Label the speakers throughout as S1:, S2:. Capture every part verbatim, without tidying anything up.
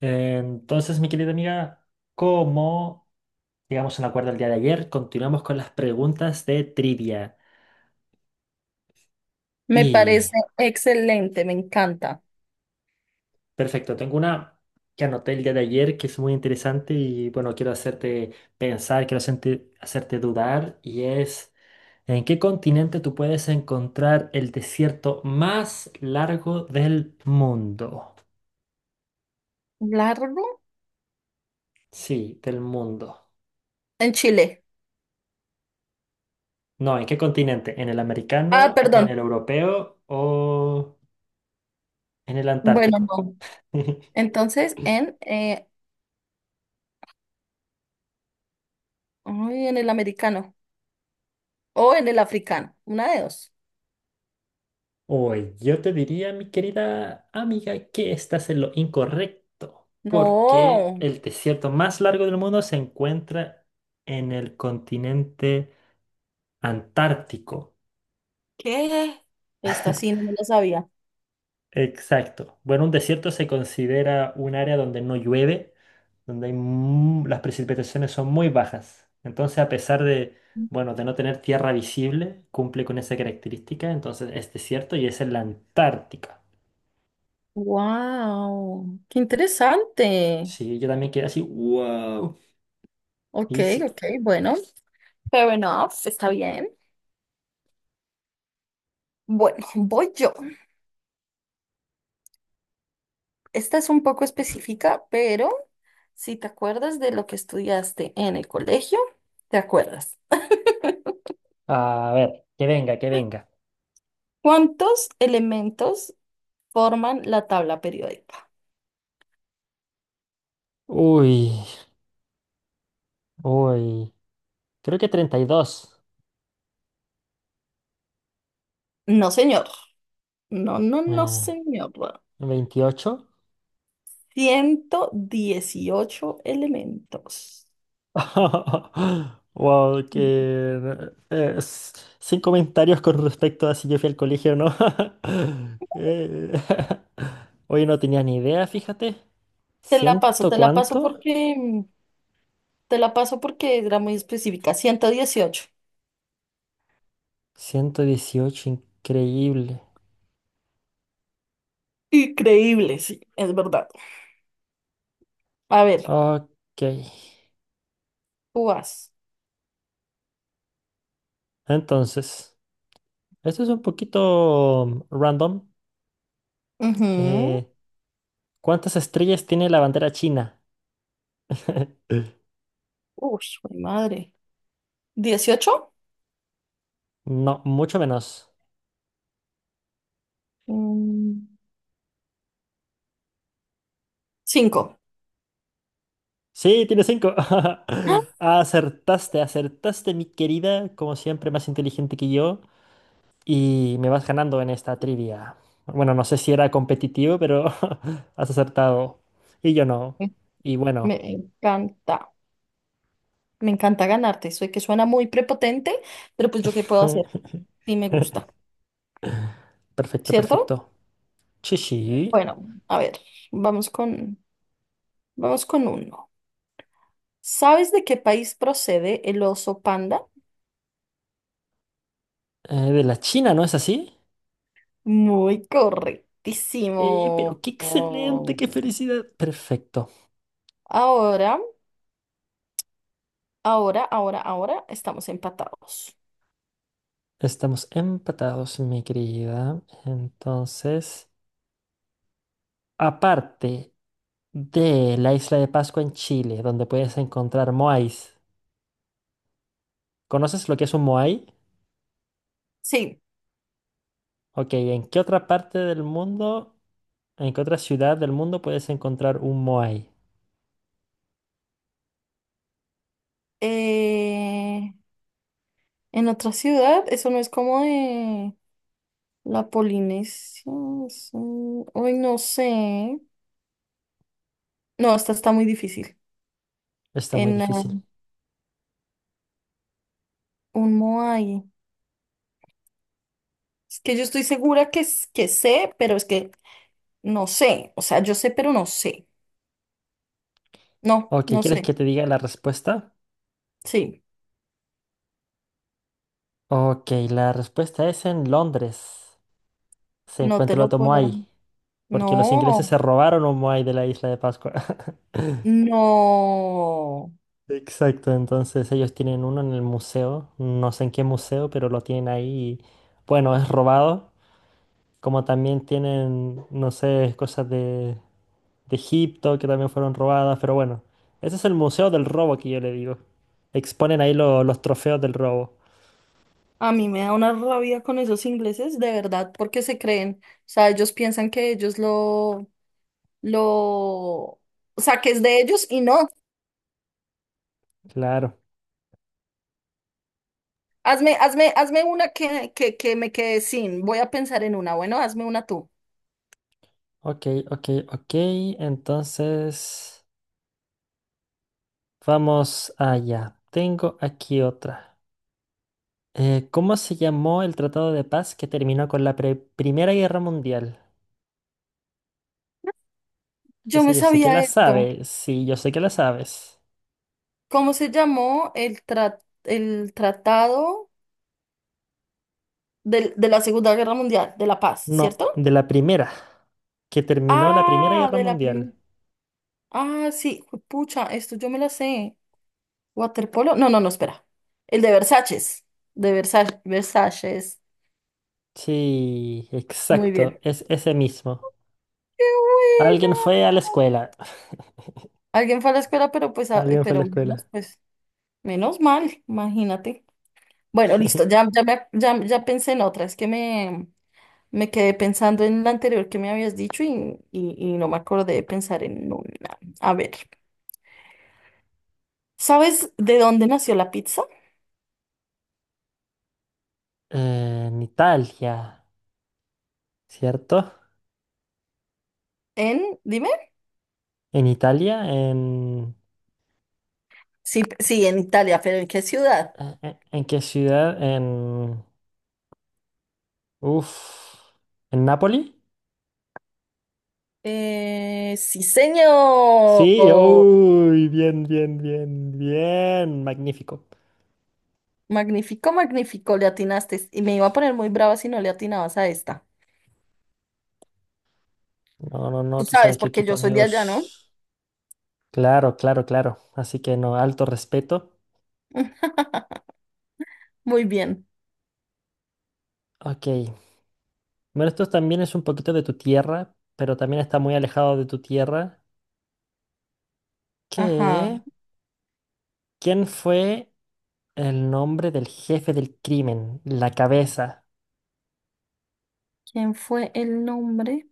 S1: Entonces, mi querida amiga, como llegamos a un acuerdo el día de ayer, continuamos con las preguntas de trivia.
S2: Me
S1: Y
S2: parece excelente, me encanta.
S1: perfecto, tengo una que anoté el día de ayer que es muy interesante y bueno, quiero hacerte pensar, quiero hacerte, hacerte dudar y es, ¿en qué continente tú puedes encontrar el desierto más largo del mundo?
S2: Largo
S1: Sí, del mundo.
S2: en Chile.
S1: No, ¿en qué continente? ¿En el
S2: Ah,
S1: americano, en el
S2: perdón.
S1: europeo o en el
S2: Bueno,
S1: antártico?
S2: no. Entonces, en, eh, ay, en el americano o en el africano. Una de dos.
S1: Hoy yo te diría, mi querida amiga, que estás en lo incorrecto, porque
S2: No.
S1: el desierto más largo del mundo se encuentra en el continente antártico.
S2: ¿Qué? Esta sí no me lo sabía.
S1: Exacto. Bueno, un desierto se considera un área donde no llueve, donde hay mu- las precipitaciones son muy bajas. Entonces, a pesar de, bueno, de no tener tierra visible, cumple con esa característica, entonces es desierto y es en la Antártica.
S2: Wow, qué interesante.
S1: Sí, yo también quedé así, wow.
S2: Ok,
S1: Y sí.
S2: ok, bueno. Fair enough, está bien. Bueno, voy yo. Esta es un poco específica, pero si te acuerdas de lo que estudiaste en el colegio, te acuerdas.
S1: A ver, que venga, que venga.
S2: ¿Cuántos elementos forman la tabla periódica?
S1: Uy, uy. Creo que treinta y dos.
S2: No, señor. No, no, no,
S1: Eh,
S2: señor.
S1: veintiocho.
S2: Ciento dieciocho elementos.
S1: Wow, que... eh, s- sin comentarios con respecto a si yo fui al colegio o no. Eh, Oye, no tenía ni idea, fíjate.
S2: Te la paso,
S1: ¿Ciento
S2: te la paso
S1: cuánto?
S2: porque mm, te la paso porque era muy específica. Ciento dieciocho.
S1: Ciento dieciocho, increíble.
S2: Increíble, sí, es verdad. A ver,
S1: Ok.
S2: tú vas.
S1: Entonces, esto es un poquito mm, random.
S2: Ujú.
S1: Eh, ¿Cuántas estrellas tiene la bandera china?
S2: Uy, jue madre. Dieciocho.
S1: No, mucho menos.
S2: Cinco.
S1: Sí, tiene cinco.
S2: ¡Ah!
S1: Acertaste, acertaste, mi querida. Como siempre, más inteligente que yo. Y me vas ganando en esta trivia. Bueno, no sé si era competitivo, pero has acertado. Y yo no. Y bueno.
S2: Me encanta. Me encanta ganarte. Soy que suena muy prepotente, pero pues yo qué puedo hacer. Sí me gusta,
S1: Perfecto,
S2: ¿cierto?
S1: perfecto. Sí, sí.
S2: Bueno, a ver, vamos con, vamos con uno. ¿Sabes de qué país procede el oso panda?
S1: Eh, de la China, ¿no es así?
S2: Muy
S1: Eh, pero
S2: correctísimo.
S1: qué excelente,
S2: Oh.
S1: qué felicidad. Perfecto.
S2: Ahora, ahora, ahora, ahora estamos empatados.
S1: Estamos empatados, mi querida. Entonces, aparte de la isla de Pascua en Chile, donde puedes encontrar moais, ¿conoces lo que es un moai?
S2: Sí.
S1: Ok, ¿en qué otra parte del mundo, en qué otra ciudad del mundo puedes encontrar un moai?
S2: eh, En otra ciudad, eso no es como de la Polinesia. Es Uy, no sé. No, esta está muy difícil.
S1: Está muy
S2: En eh,
S1: difícil.
S2: un Moai. Es que yo estoy segura que, s- que sé, pero es que no sé. O sea, yo sé, pero no sé. No,
S1: Ok,
S2: no
S1: ¿quieres
S2: sé.
S1: que te diga la respuesta?
S2: Sí,
S1: Ok, la respuesta es en Londres. Se
S2: no te
S1: encuentra el
S2: lo
S1: otro
S2: puedo.
S1: moai, porque los ingleses
S2: No,
S1: se robaron un moai de la isla de Pascua.
S2: no.
S1: Exacto, entonces ellos tienen uno en el museo, no sé en qué museo, pero lo tienen ahí y bueno, es robado, como también tienen, no sé, cosas de, de Egipto que también fueron robadas, pero bueno, ese es el museo del robo que yo le digo. Exponen ahí lo- los trofeos del robo.
S2: A mí me da una rabia con esos ingleses, de verdad, porque se creen. O sea, ellos piensan que ellos lo lo saques de ellos y no.
S1: Claro.
S2: Hazme, hazme, hazme una que, que, que me quede sin. Voy a pensar en una. Bueno, hazme una tú.
S1: Ok, ok, ok, entonces vamos allá. Tengo aquí otra. Eh, ¿cómo se llamó el Tratado de Paz que terminó con la pre- Primera Guerra Mundial?
S2: Yo
S1: Esa
S2: me
S1: yo sé que
S2: sabía
S1: la
S2: esto.
S1: sabes. Sí, yo sé que la sabes.
S2: ¿Cómo se llamó el, tra- el tratado del- de la Segunda Guerra Mundial, de la paz,
S1: No,
S2: ¿cierto?
S1: de la primera. Que terminó la Primera
S2: Ah,
S1: Guerra
S2: de la primera.
S1: Mundial.
S2: Ah, sí, pucha, esto yo me la sé. Waterpolo. No, no, no, espera. El de Versalles. De Versalles. Versalles.
S1: Sí,
S2: Muy bien.
S1: exacto. Es ese mismo.
S2: ¡Qué
S1: Alguien
S2: bueno!
S1: fue a la escuela.
S2: Alguien fue a la escuela, pero pues, a-
S1: Alguien fue a la
S2: pero menos,
S1: escuela.
S2: pues, menos mal, imagínate. Bueno, listo, ya, ya, me- ya, ya pensé en otra, es que me, me quedé pensando en la anterior que me habías dicho y, y, y no me acordé de pensar en una. A ver, ¿sabes de dónde nació la pizza?
S1: Eh, en Italia, ¿cierto?
S2: En, dime.
S1: En Italia, en...
S2: Sí, p- sí, en Italia, pero ¿en qué ciudad?
S1: ¿En en- en qué ciudad? En... Uf. ¿En Nápoli?
S2: Eh, sí, señor.
S1: Sí, uy, bien, bien, bien, bien. Magnífico.
S2: Magnífico, magnífico, le atinaste. Y me iba a poner muy brava si no le atinabas a esta.
S1: No, no, no,
S2: Tú
S1: tú
S2: sabes,
S1: sabes que
S2: porque
S1: aquí tu
S2: yo soy de allá, ¿no?
S1: amigos. Claro, claro, claro. Así que no, alto respeto.
S2: Muy bien.
S1: Ok. Bueno, esto también es un poquito de tu tierra, pero también está muy alejado de tu tierra.
S2: Ajá.
S1: ¿Qué? ¿Quién fue el nombre del jefe del crimen? La cabeza.
S2: ¿Quién fue el nombre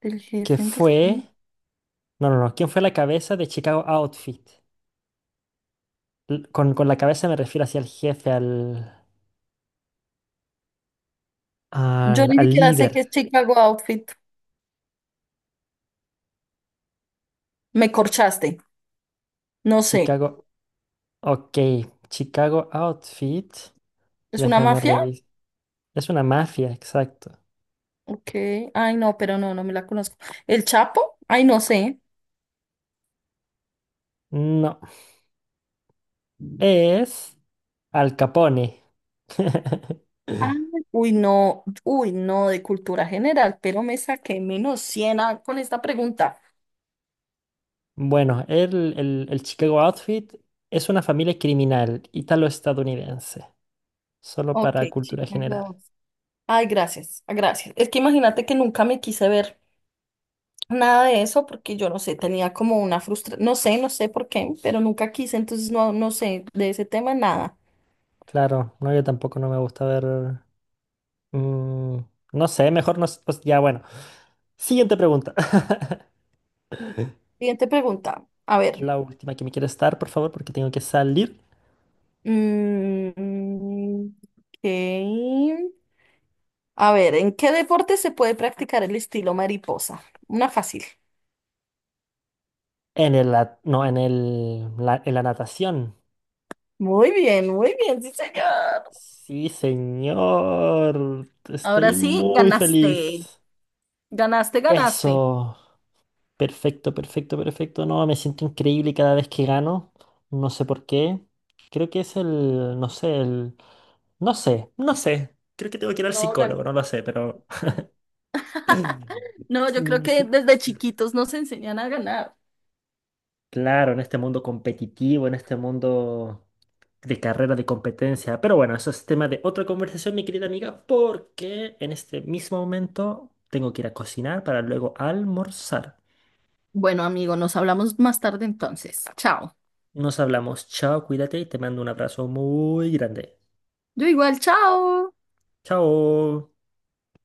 S2: del
S1: Que
S2: jefe antes?
S1: fue. No, no, no. ¿Quién fue la cabeza de Chicago Outfit? L- Con, con la cabeza me refiero hacia el jefe, al,
S2: Yo
S1: al,
S2: ni
S1: al
S2: siquiera sé qué
S1: líder.
S2: es Chicago Outfit. Me corchaste. No sé.
S1: Chicago. Ok. Chicago Outfit.
S2: ¿Es una
S1: Déjame
S2: mafia?
S1: revisar. Es una mafia, exacto.
S2: Ok. Ay, no, pero no, no me la conozco. ¿El Chapo? Ay, no sé.
S1: No, es Al Capone.
S2: Ah, uy, no. Uy, no, de cultura general, pero me saqué menos cien a- con esta pregunta.
S1: Bueno, el, el- el Chicago Outfit es una familia criminal italo-estadounidense, solo
S2: Ok,
S1: para cultura
S2: Chicago
S1: general.
S2: Outfit. Ay, gracias, gracias. Es que imagínate que nunca me quise ver. Nada de eso porque yo no sé, tenía como una frustración, no sé, no sé por qué, pero nunca quise, entonces no, no sé de ese tema nada.
S1: Claro, no, yo tampoco no me gusta ver... mm, no sé, mejor no... s- pues ya, bueno. Siguiente pregunta.
S2: Siguiente pregunta, a
S1: La
S2: ver.
S1: última que me quiere estar, por favor, porque tengo que salir
S2: Mm, ok. A ver, ¿en qué deporte se puede practicar el estilo mariposa? Una fácil.
S1: en el... at- no, en el... la- en la natación.
S2: Muy bien, muy bien, sí, señor.
S1: Sí, señor.
S2: Ahora
S1: Estoy
S2: sí,
S1: muy
S2: ganaste.
S1: feliz.
S2: Ganaste, ganaste.
S1: Eso. Perfecto, perfecto, perfecto. No, me siento increíble cada vez que gano. No sé por qué. Creo que es el, no sé, el... No sé, no sé. Creo que tengo que ir al
S2: No,
S1: psicólogo,
S2: gan-
S1: no lo sé, pero...
S2: no, yo creo que
S1: Sí,
S2: desde chiquitos nos enseñan a ganar.
S1: claro, en este mundo competitivo, en este mundo de carrera de competencia. Pero bueno, eso es tema de otra conversación, mi querida amiga, porque en este mismo momento tengo que ir a cocinar para luego almorzar.
S2: Bueno, amigo, nos hablamos más tarde entonces. Chao.
S1: Nos hablamos, chao, cuídate y te mando un abrazo muy grande.
S2: Yo igual, chao.
S1: Chao.